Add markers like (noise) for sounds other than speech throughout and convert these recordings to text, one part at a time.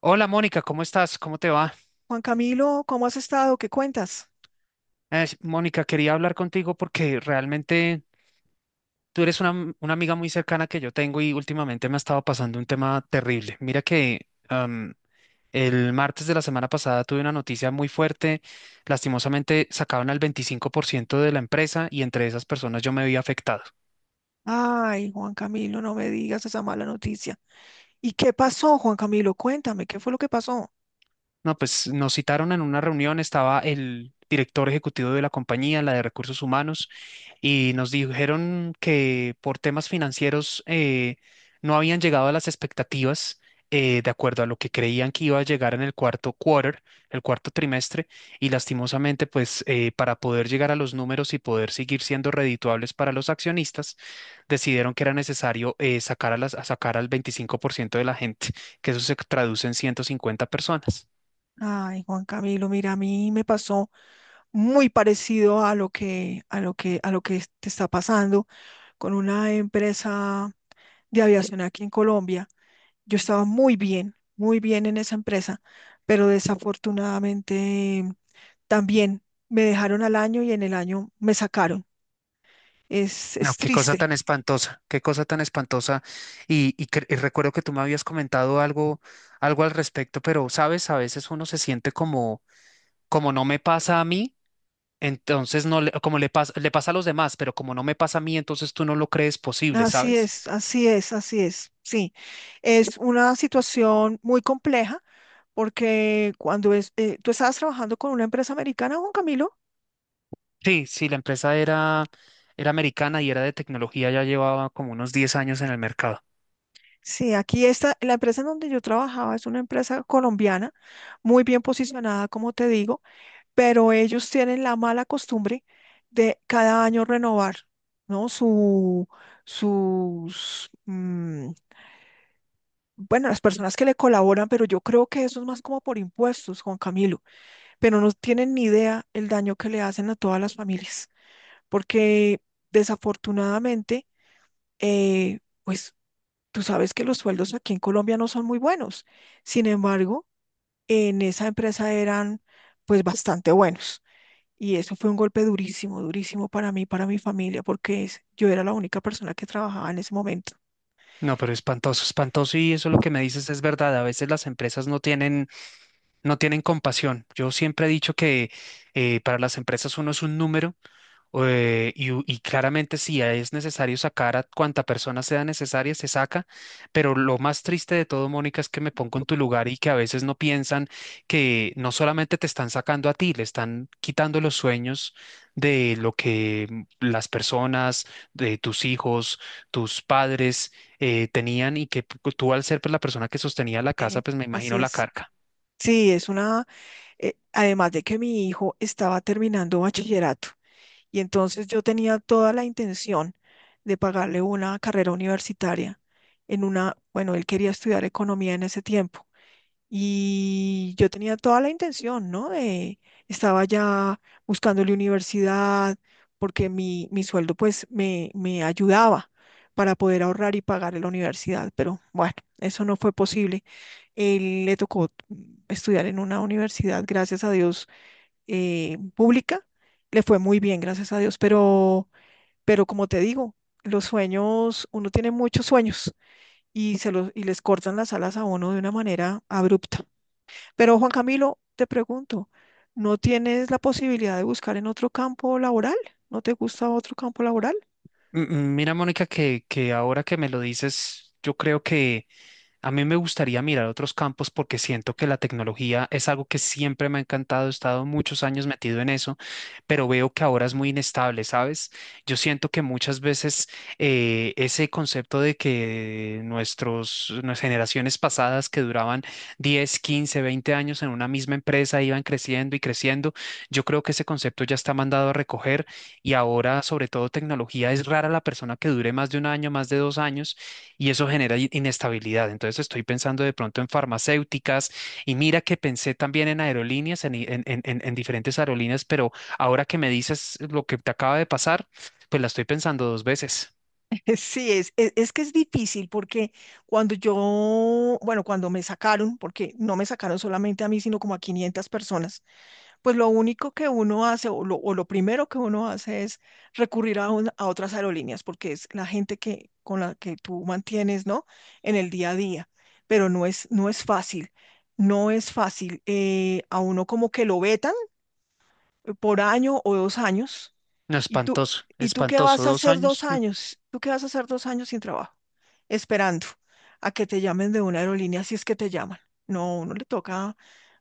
Hola Mónica, ¿cómo estás? ¿Cómo te va? Juan Camilo, ¿cómo has estado? ¿Qué cuentas? Mónica, quería hablar contigo porque realmente tú eres una amiga muy cercana que yo tengo y últimamente me ha estado pasando un tema terrible. Mira que el martes de la semana pasada tuve una noticia muy fuerte. Lastimosamente sacaron al 25% de la empresa y entre esas personas yo me vi afectado. Ay, Juan Camilo, no me digas esa mala noticia. ¿Y qué pasó, Juan Camilo? Cuéntame, ¿qué fue lo que pasó? No, pues nos citaron en una reunión, estaba el director ejecutivo de la compañía, la de recursos humanos, y nos dijeron que por temas financieros no habían llegado a las expectativas, de acuerdo a lo que creían que iba a llegar en el cuarto quarter, el cuarto trimestre, y lastimosamente, pues para poder llegar a los números y poder seguir siendo redituables para los accionistas, decidieron que era necesario sacar a las, a sacar al 25% de la gente, que eso se traduce en 150 personas. Ay, Juan Camilo, mira, a mí me pasó muy parecido a lo que, te está pasando con una empresa de aviación aquí en Colombia. Yo estaba muy bien en esa empresa, pero desafortunadamente también me dejaron al año y en el año me sacaron. Es, No, es qué cosa triste. tan espantosa, qué cosa tan espantosa. Y recuerdo que tú me habías comentado algo, algo al respecto, pero sabes, a veces uno se siente como, como no me pasa a mí, entonces no, como le pasa a los demás, pero como no me pasa a mí, entonces tú no lo crees posible, Así ¿sabes? es, así es, así es. Sí, es una situación muy compleja porque cuando tú estabas trabajando con una empresa americana, Juan Camilo. Sí, sí, la empresa era americana y era de tecnología, ya llevaba como unos 10 años en el mercado. Sí, aquí está, la empresa en donde yo trabajaba es una empresa colombiana, muy bien posicionada, como te digo, pero ellos tienen la mala costumbre de cada año renovar, ¿no? Sus, mm, bueno, las personas que le colaboran, pero yo creo que eso es más como por impuestos, Juan Camilo. Pero no tienen ni idea el daño que le hacen a todas las familias, porque desafortunadamente, eh, pues tú sabes que los sueldos aquí en Colombia no son muy buenos. Sin embargo, en esa empresa eran pues bastante buenos. Y eso fue un golpe durísimo, durísimo para mí, para mi familia, porque yo era la única persona que trabajaba en ese momento. No, pero espantoso, espantoso y eso lo que me dices es verdad. A veces las empresas no tienen compasión. Yo siempre he dicho que para las empresas uno es un número , y claramente si es necesario sacar a cuanta persona sea necesaria, se saca, pero lo más triste de todo, Mónica, es que me pongo en tu lugar y que a veces no piensan que no solamente te están sacando a ti, le están quitando los sueños de lo que las personas, de tus hijos, tus padres, tenían y que tú al ser pues, la persona que sostenía la casa, Eh, pues me Así imagino la es. carga. Sí, además de que mi hijo estaba terminando bachillerato. Y entonces yo tenía toda la intención de pagarle una carrera universitaria bueno, él quería estudiar economía en ese tiempo. Y yo tenía toda la intención, ¿no? Estaba ya buscándole universidad, porque mi sueldo pues me ayudaba para poder ahorrar y pagarle la universidad. Pero bueno, eso no fue posible. Él le tocó estudiar en una universidad, gracias a Dios, pública, le fue muy bien, gracias a Dios, pero como te digo, los sueños, uno tiene muchos sueños y les cortan las alas a uno de una manera abrupta. Pero Juan Camilo, te pregunto, ¿no tienes la posibilidad de buscar en otro campo laboral? ¿No te gusta otro campo laboral? M- Mira, Mónica, que ahora que me lo dices, yo creo que... A mí me gustaría mirar otros (laughs) campos porque siento que la tecnología es algo que siempre me ha encantado, he estado muchos años metido en eso, pero veo que ahora es muy inestable, ¿sabes? Yo siento que muchas veces ese concepto de que nuestras generaciones pasadas que duraban 10, 15, 20 años en una misma empresa iban creciendo y creciendo, yo creo que ese concepto ya está mandado a recoger y ahora, sobre todo tecnología, es rara la persona que dure más de un año, más de dos años y eso genera inestabilidad. Entonces estoy pensando de pronto en farmacéuticas y mira que pensé también en aerolíneas, en, i- en diferentes aerolíneas, pero ahora que me dices lo que te acaba de pasar, pues la estoy pensando dos veces. Sí, es que es difícil porque bueno, cuando me sacaron, porque no me sacaron solamente a mí, sino como a 500 personas, pues lo único que uno hace o lo primero que uno hace es recurrir a otras aerolíneas porque es la gente con la que tú mantienes, ¿no? En el día a día, pero no es fácil, no es fácil. A uno como que lo vetan por año o 2 años. No, ¿Y tú, espantoso, y tú qué espantoso, vas a dos hacer dos años. años? ¿Tú qué vas a hacer dos años sin trabajo? Esperando a que te llamen de una aerolínea si es que te llaman. No, uno le toca,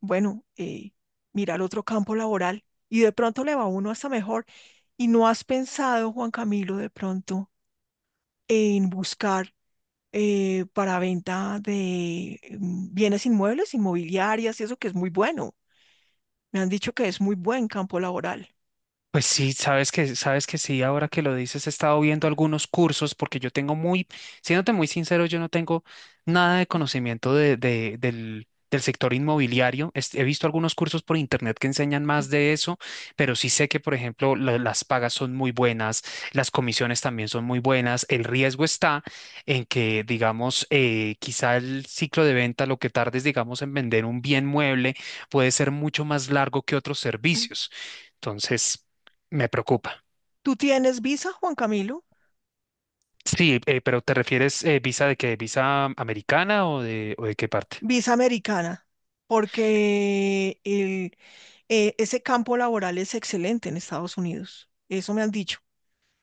bueno, mirar otro campo laboral y de pronto le va a uno hasta mejor. ¿Y no has pensado, Juan Camilo, de pronto en buscar para venta de bienes inmuebles, inmobiliarias y eso que es muy bueno? Me han dicho que es muy buen campo laboral. Pues sí, sabes que sí, ahora que lo dices, he estado viendo algunos cursos porque yo tengo muy, siéndote muy sincero, yo no tengo nada de conocimiento del sector inmobiliario. He visto algunos cursos por internet que enseñan más de eso, pero sí sé que, por ejemplo, las pagas son muy buenas, las comisiones también son muy buenas. El riesgo está en que, digamos, quizá el ciclo de venta, lo que tardes, digamos, en vender un bien mueble, puede ser mucho más largo que otros servicios. Entonces... Me preocupa. ¿Tú tienes visa, Juan Camilo? Sí, pero ¿te refieres visa de qué? ¿Visa americana o de qué parte? Visa americana, porque ese campo laboral es excelente en Estados Unidos. Eso me han dicho.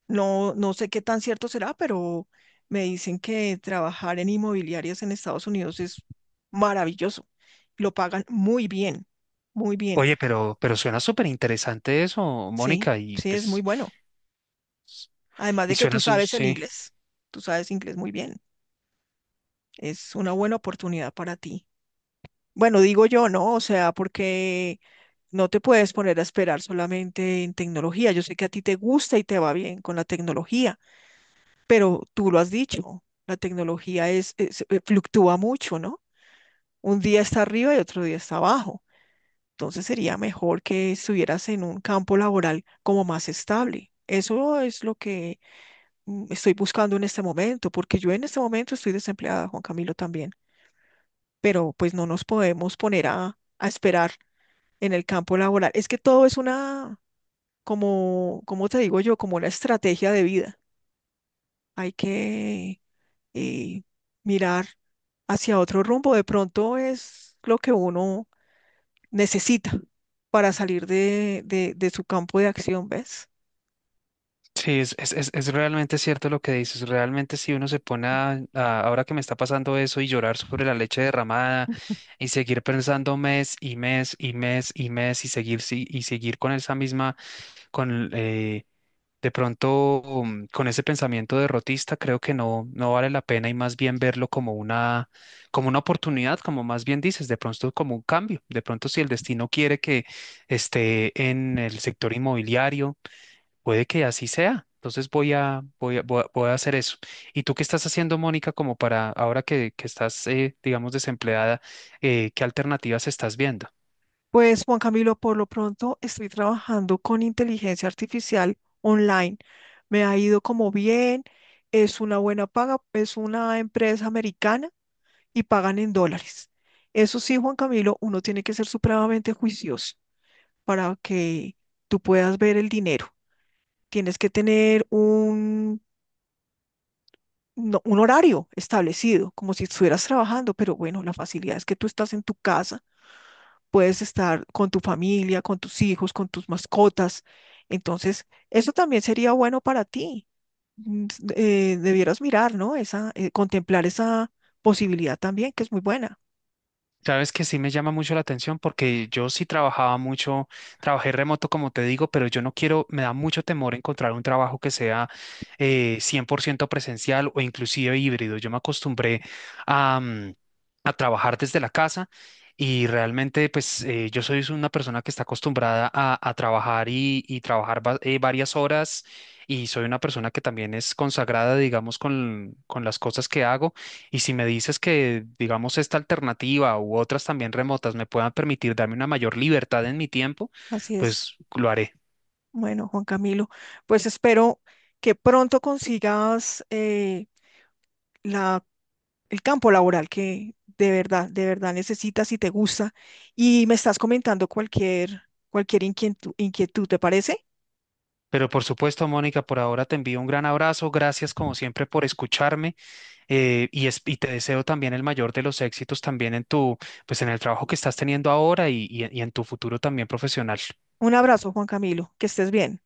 No, no sé qué tan cierto será, pero me dicen que trabajar en inmobiliarias en Estados Unidos es maravilloso. Lo pagan muy bien, muy bien. Oye, pero suena súper interesante eso, Sí, Mónica, y sí, es muy pues, bueno. Además y de que suena, tú sabes el sí, inglés, tú sabes inglés muy bien. Es una buena oportunidad para ti. Bueno, digo yo, ¿no? O sea, porque no te puedes poner a esperar solamente en tecnología. Yo sé que a ti te gusta y te va bien con la tecnología, pero tú lo has dicho, la tecnología fluctúa mucho, ¿no? Un día está arriba y otro día está abajo. Entonces sería mejor que estuvieras en un campo laboral como más estable. Eso es lo que estoy buscando en este momento, porque yo en este momento estoy desempleada, Juan Camilo también, pero pues no nos podemos poner a esperar en el campo laboral. Es que todo es una como, como te digo yo, como una estrategia de vida. Hay que eh, mirar hacia otro rumbo. De pronto es lo que uno necesita para salir de su campo de acción, ¿ves? sí, es realmente cierto lo que dices, realmente si uno se pone a, ahora que me está pasando eso y llorar sobre la leche derramada (laughs) y seguir pensando mes y mes y mes y mes y seguir, sí, y seguir con esa misma, con, eh, De pronto, con ese pensamiento derrotista, creo que no, no vale la pena y más bien verlo como una oportunidad, como más bien dices, de pronto como un cambio. De pronto, si el destino quiere que esté en el sector inmobiliario, puede que así sea. Entonces voy a hacer eso. ¿Y tú qué estás haciendo, Mónica, como para ahora que estás, digamos, desempleada, qué alternativas estás viendo? Pues Juan Camilo, por lo pronto estoy trabajando con inteligencia artificial online. Me ha ido como bien, es una buena paga, es una empresa americana y pagan en dólares. Eso sí, Juan Camilo, uno tiene que ser supremamente juicioso para que tú puedas ver el dinero. Tienes que tener un horario establecido, como si estuvieras trabajando, pero bueno, la facilidad es que tú estás en tu casa, puedes estar con tu familia, con tus hijos, con tus mascotas. Entonces, eso también sería bueno para ti. Mm, s- Debieras mirar, ¿no? Contemplar esa posibilidad también, que es muy buena. Sabes que sí me llama mucho la atención porque yo sí trabajaba mucho, trabajé remoto como te digo, pero yo no quiero, me da mucho temor encontrar un trabajo que sea 100% presencial o inclusive híbrido. Yo me acostumbré a, a trabajar desde la casa y realmente pues yo soy una persona que está acostumbrada a trabajar y trabajar varias horas y soy una persona que también es consagrada, digamos, con las cosas que hago. Y si me dices que, digamos, esta alternativa u otras también remotas me puedan permitir darme una mayor libertad en mi tiempo, Así es. pues lo haré. Bueno, Juan Camilo, pues espero que pronto consigas la, el campo laboral que de verdad necesitas y te gusta. Y me estás comentando cualquier inquietud, ¿te parece? Pero por supuesto, Mónica, por ahora te envío un gran abrazo. Gracias como siempre por escucharme y te deseo también el mayor de los éxitos también en tu, pues en el trabajo que estás teniendo ahora y en tu futuro también profesional. Un abrazo, Juan Camilo, que estés bien.